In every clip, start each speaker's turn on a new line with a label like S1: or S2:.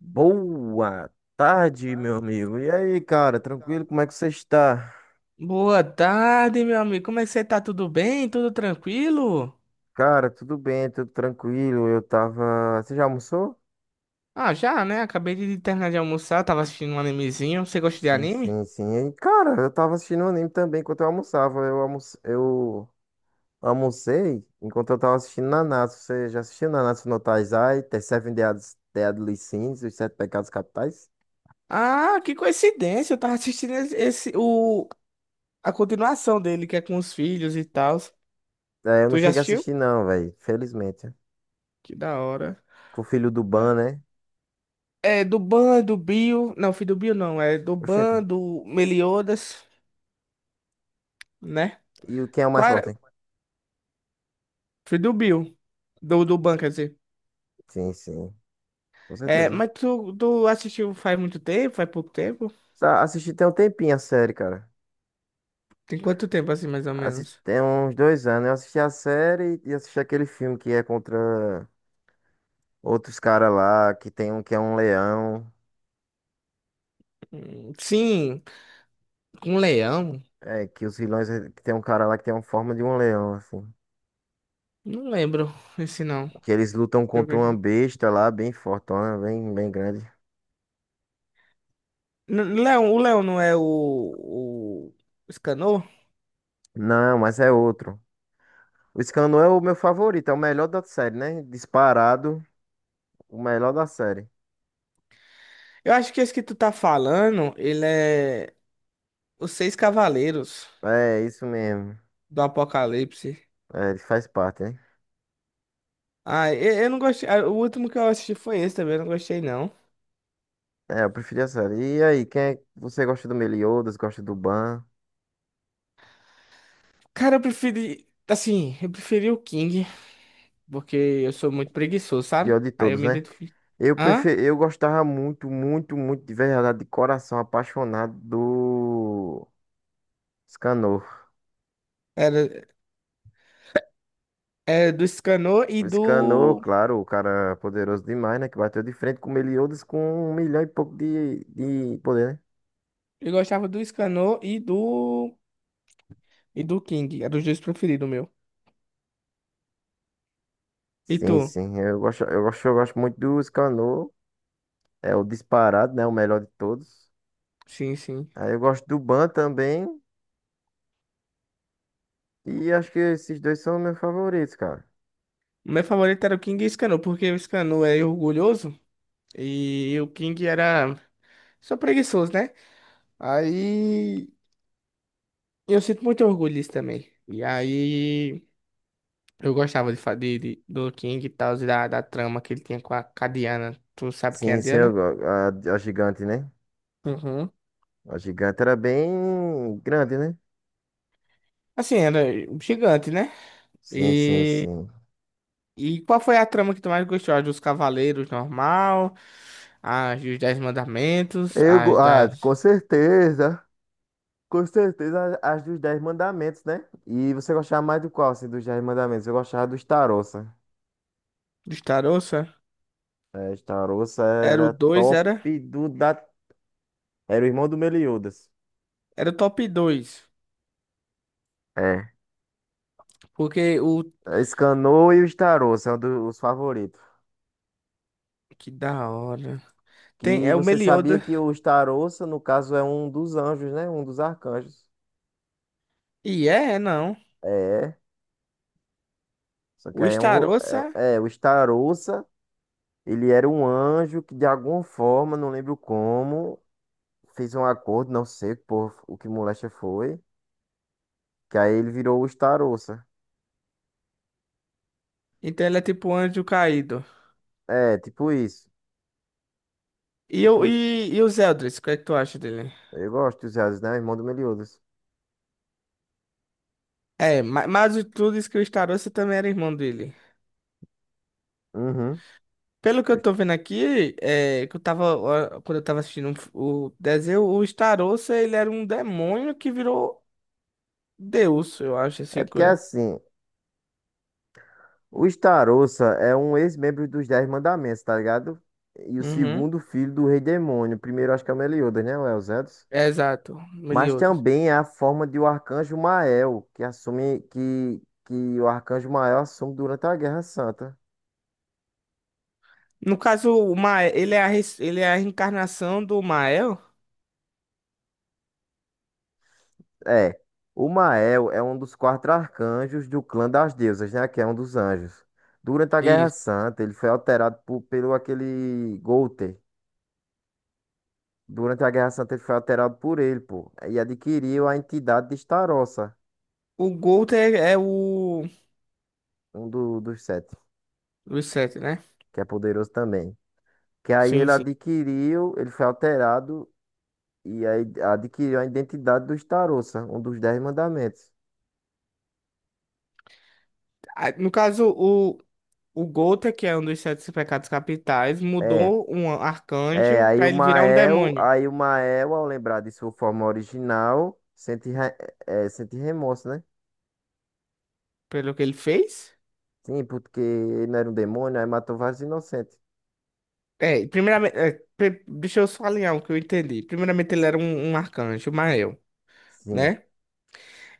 S1: Boa tarde, meu amigo. E aí, cara, tranquilo? Como é que você está?
S2: Boa tarde, meu amigo. Como é que você tá? Tudo bem? Tudo tranquilo?
S1: Cara, tudo bem, tudo tranquilo. Eu tava. Você já almoçou?
S2: Ah, já, né? Acabei de terminar de almoçar, tava assistindo um animezinho. Você gosta de
S1: Sim,
S2: anime?
S1: sim, sim. E, cara, eu tava assistindo um anime também enquanto eu almoçava. Eu almocei enquanto eu tava assistindo Nanatsu. Você já assistiu Nanatsu no Taizai, The Seven Deadly Sins, Os Sete Pecados Capitais?
S2: Ah, que coincidência. Eu tava assistindo a continuação dele, que é com os filhos e tal.
S1: É, eu não
S2: Tu já
S1: cheguei a
S2: assistiu?
S1: assistir, não, velho. Felizmente.
S2: Que da hora.
S1: Com o filho do Ban,
S2: É,
S1: né?
S2: é do Ban, do Bill. Não, filho do Bill não. É do Ban,
S1: Oxente.
S2: do Meliodas, né?
S1: Quem é o mais
S2: Qual era?
S1: forte?
S2: Filho do Bill. Do Ban, quer dizer.
S1: Sim, sim. Com
S2: É,
S1: certeza.
S2: mas tu assistiu faz muito tempo? Faz pouco tempo?
S1: Assisti tem um tempinho a série, cara.
S2: Tem quanto tempo assim, mais ou menos?
S1: Tem uns dois anos. Eu assisti a série e assisti aquele filme que é contra outros caras lá, que tem um que é um leão.
S2: Sim, com leão?
S1: É, que os vilões, que tem um cara lá que tem uma forma de um leão, assim.
S2: Não lembro esse não. Deixa
S1: Que eles lutam
S2: eu
S1: contra
S2: ver
S1: uma
S2: aqui.
S1: besta lá, bem fortona, bem, bem grande.
S2: Leão, o leão não é o Escanor?
S1: Não, mas é outro. O Scanu é o meu favorito, é o melhor da série, né? Disparado, o melhor da série.
S2: Eu acho que esse que tu tá falando, ele é os Seis Cavaleiros
S1: É, isso mesmo.
S2: do Apocalipse.
S1: É, ele faz parte, né?
S2: Ah, eu não gostei. O último que eu assisti foi esse também, eu não gostei não.
S1: É, eu preferi a série. E aí, quem é... você gosta do Meliodas, gosta do Ban?
S2: Cara, eu preferi, assim, eu preferi o King, porque eu sou muito preguiçoso, sabe?
S1: Pior de
S2: Aí eu
S1: todos,
S2: me
S1: né?
S2: identifico.
S1: Eu
S2: Hã?
S1: prefiro, eu gostava muito, muito, muito de verdade, de coração apaixonado do Scanor.
S2: Era, era do Escanor e
S1: O Scanor,
S2: do.
S1: claro, o cara poderoso demais, né? Que bateu de frente com o Meliodas com um milhão e pouco de poder, né?
S2: Eu gostava do Scanor e do. E do King. Eram os dois preferidos, meu. E
S1: Sim,
S2: tu?
S1: sim. Eu gosto, eu gosto, eu gosto muito do Scanor. É o disparado, né? O melhor de todos.
S2: Sim, sim.
S1: Aí eu gosto do Ban também. E acho que esses dois são meus favoritos, cara.
S2: O meu favorito era o King e o Scanor, porque o Scanor é orgulhoso e o King era só preguiçoso, né? Aí eu sinto muito orgulho disso também. E aí eu gostava de, fa- de- do King e tal, e da trama que ele tinha com a Diana. Tu sabe quem é a
S1: Sim, sim, eu,
S2: Diana?
S1: go- a, a gigante, né?
S2: Uhum.
S1: A gigante era bem grande, né?
S2: Assim, era gigante, né?
S1: Sim, sim,
S2: e
S1: sim.
S2: E qual foi a trama que tu mais gostou? A dos Cavaleiros normal, a dos Dez Mandamentos, as das
S1: Com certeza. Com certeza as dos Dez Mandamentos, né? E você gostava mais do qual, assim, dos Dez Mandamentos? Eu gostava dos Tarossa.
S2: dos Tarossa?
S1: É, os Tarossa
S2: Era o
S1: era
S2: 2,
S1: top
S2: era?
S1: do da... Era o irmão do Meliodas.
S2: Era o top dois.
S1: É.
S2: Porque o.
S1: Escanou e os Tarossa são os favoritos.
S2: Que da hora. Tem,
S1: Que
S2: é o
S1: você sabia
S2: Meliodas.
S1: que os Tarossa, no caso, é um dos anjos, né? Um dos arcanjos.
S2: E é, é não.
S1: É. Só que
S2: O
S1: aí é um.
S2: Starossa,
S1: É, é, o Starouça, ele era um anjo que de alguma forma, não lembro como, fez um acordo, não sei por, o que moléstia foi. Que aí ele virou o Starouça.
S2: então ele é tipo um anjo caído.
S1: É, tipo isso.
S2: E,
S1: Tipo,
S2: os Eldris, o que é que tu acha dele?
S1: eu gosto dos Hades, né? Irmão do Meliodas.
S2: É, mas, tu disse que o Starossa também era irmão dele.
S1: Uhum.
S2: Pelo que eu tô vendo aqui, é, que eu tava, ó, quando eu tava assistindo o desenho, o Starossa, ele era um demônio que virou Deus, eu acho,
S1: É
S2: assim,
S1: porque
S2: coisa.
S1: assim, o Starouça é um ex-membro dos Dez Mandamentos, tá ligado? E o
S2: Uhum.
S1: segundo filho do Rei Demônio. O primeiro acho que é o Meliodas, né? Ou é o Zé?
S2: É, exato,
S1: Mas
S2: Meliodas.
S1: também é a forma de o Arcanjo Mael, que assume que o Arcanjo Mael assume durante a Guerra Santa.
S2: No caso, o Mael, ele é ele é a reencarnação do Mael.
S1: É, o Mael é um dos quatro arcanjos do clã das deusas, né? Que é um dos anjos. Durante a Guerra
S2: Isso.
S1: Santa, ele foi alterado pelo aquele Golter. Durante a Guerra Santa, ele foi alterado por ele, pô. E adquiriu a entidade de Starossa,
S2: O Golter é o...
S1: um dos sete,
S2: dos sete, né?
S1: que é poderoso também. Que aí
S2: Sim,
S1: ele
S2: sim.
S1: adquiriu, ele foi alterado. E aí adquiriu a identidade dos tarossa, um dos dez mandamentos.
S2: Ah, no caso, o Golter, que é um dos sete pecados capitais,
S1: É,
S2: mudou um
S1: é,
S2: arcanjo
S1: aí
S2: pra
S1: o
S2: ele virar um
S1: Mael,
S2: demônio.
S1: aí o Mael, ao lembrar de sua forma original, sente, sente remorso, né?
S2: Pelo que ele fez...
S1: Sim, porque ele não era um demônio, aí matou vários inocentes.
S2: É, primeiramente, é, deixa eu só alinhar o que eu entendi. Primeiramente, ele era um arcanjo, Mael,
S1: Sim,
S2: né?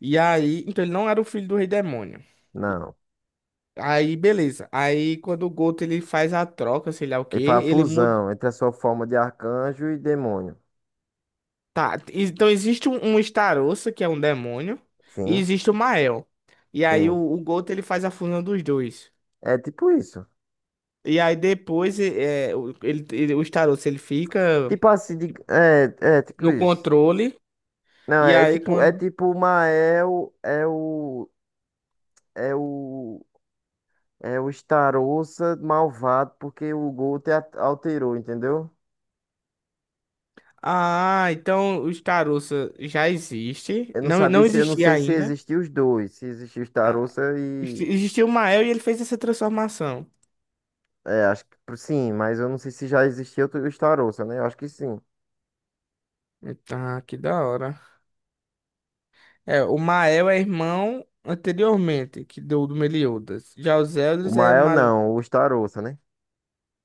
S2: E aí, então ele não era o filho do rei demônio.
S1: não.
S2: Aí, beleza. Aí, quando o Goto ele faz a troca, sei lá o quê,
S1: Ele faz a
S2: ele muda.
S1: fusão entre a sua forma de arcanjo e demônio.
S2: Tá, então existe um Starossa, que é um demônio, e
S1: Sim,
S2: existe o Mael. E aí, o,
S1: sim.
S2: o Goto ele faz a fusão dos dois.
S1: É tipo isso.
S2: E aí, depois, é, o Starossa ele fica
S1: Tipo assim, é tipo
S2: no
S1: isso.
S2: controle.
S1: Não,
S2: E
S1: é
S2: aí,
S1: tipo, é
S2: quando.
S1: tipo o Mael é o. É o Starouça malvado porque o Guto alterou, entendeu?
S2: Ah, então os Tarussa já existe.
S1: Eu não
S2: Não,
S1: sabia
S2: não
S1: se, eu não
S2: existia
S1: sei se
S2: ainda.
S1: existiam os dois, se existia o
S2: Ah,
S1: Starouça e
S2: existia o Mael e ele fez essa transformação.
S1: é, acho que sim, mas eu não sei se já existia outro- o Starouça, né? Eu acho que sim.
S2: Tá, que da hora. É, o Mael é irmão anteriormente que do Meliodas. Já os
S1: O
S2: Eldris é,
S1: Mael
S2: Mal...
S1: não, o Starouça, né?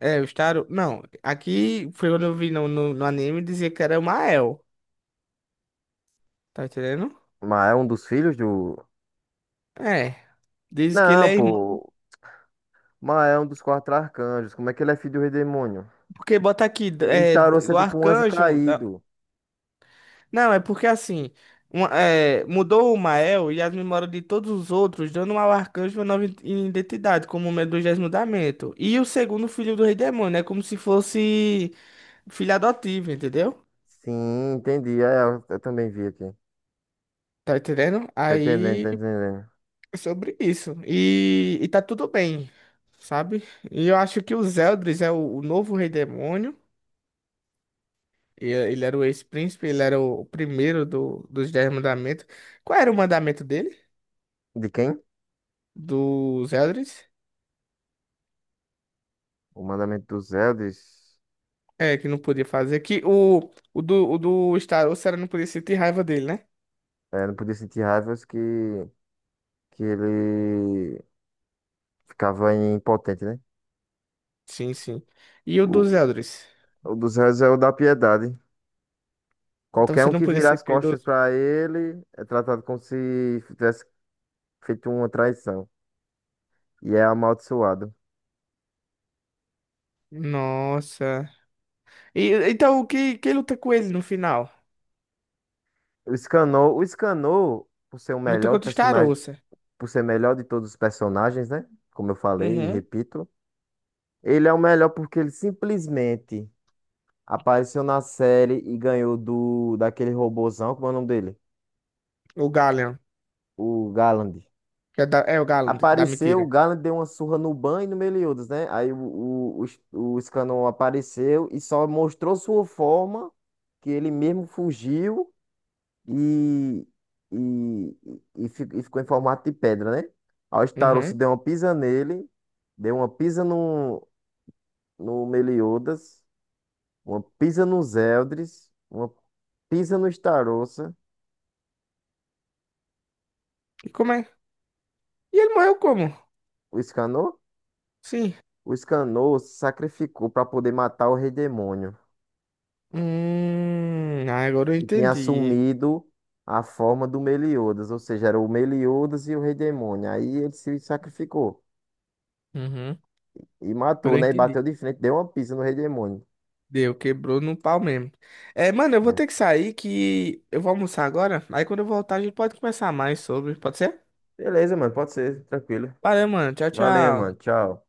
S2: é os Taru... Não, aqui foi quando eu vi no anime dizia que era o Mael. Tá entendendo?
S1: O Mael é um dos filhos do
S2: É. Diz que ele
S1: Não,
S2: é irmão,
S1: pô. O Mael é um dos quatro arcanjos. Como é que ele é filho do rei demônio?
S2: porque bota aqui,
S1: O
S2: é,
S1: Starouça é
S2: o
S1: tipo um anjo
S2: arcanjo.
S1: caído.
S2: Não, é porque assim, é, mudou o Mael e as memórias de todos os outros, dando ao arcanjo uma nova identidade, como o Medusésimo mudamento. E o segundo filho do Rei Demônio, é como se fosse filho adotivo, entendeu?
S1: Sim, entendi. É, eu também vi aqui.
S2: Tá entendendo?
S1: Tá entendendo, tá
S2: Aí
S1: entendendo.
S2: é sobre isso. E tá tudo bem, sabe? E eu acho que o Zeldris é o novo Rei Demônio. Ele era o ex-príncipe, ele era o primeiro dos Dez Mandamentos. Qual era o mandamento dele?
S1: De quem?
S2: Do Zeldris.
S1: O mandamento dos Elders
S2: É, que não podia fazer. Que o do Star Wars era não podia sentir raiva dele, né?
S1: é, não podia sentir raivas que ele ficava impotente, né?
S2: Sim, sim. E o dos
S1: O,
S2: Eldris?
S1: o dos Elders é o da piedade.
S2: Então
S1: Qualquer
S2: você
S1: um
S2: não
S1: que
S2: podia
S1: virar
S2: ser
S1: as costas
S2: piedoso?
S1: para ele é tratado como se tivesse feito uma traição e é amaldiçoado.
S2: Nossa. E, então quem luta com ele no final?
S1: O Scanor, por ser o
S2: Luta
S1: melhor
S2: contra o Star
S1: personagem,
S2: Wars.
S1: por ser melhor de todos os personagens, né? Como eu falei e
S2: Uhum.
S1: repito, ele é o melhor porque ele simplesmente apareceu na série e ganhou do daquele robozão, como é o nome dele?
S2: O Galleon.
S1: O Galland.
S2: Que é, é o Galleon, que dá
S1: Apareceu,
S2: mentira.
S1: o Galland deu uma surra no Ban e no Meliodas, né? Aí o Scannon apareceu e só mostrou sua forma, que ele mesmo fugiu e, e, e ficou em formato de pedra, né? Aí o Starost
S2: Uhum.
S1: deu uma pisa nele, deu uma pisa no Meliodas, uma pisa nos Eldris, uma pisa no Starost.
S2: E como é? E ele morreu como?
S1: O Escanor?
S2: Sim.
S1: O Escanor se sacrificou para poder matar o rei demônio.
S2: Ah, agora eu
S1: E tinha
S2: entendi.
S1: assumido a forma do Meliodas. Ou seja, era o Meliodas e o rei demônio. Aí ele se sacrificou.
S2: Uhum.
S1: E
S2: Agora
S1: matou,
S2: eu
S1: né? E bateu
S2: entendi.
S1: de frente. Deu uma pisa no rei demônio.
S2: Deu, quebrou no pau mesmo. É, mano, eu vou
S1: Né?
S2: ter que sair que eu vou almoçar agora. Aí quando eu voltar, a gente pode conversar mais sobre. Pode ser?
S1: Beleza, mano, pode ser, tranquilo.
S2: Valeu, mano. Tchau,
S1: Valeu, mano,
S2: tchau.
S1: tchau.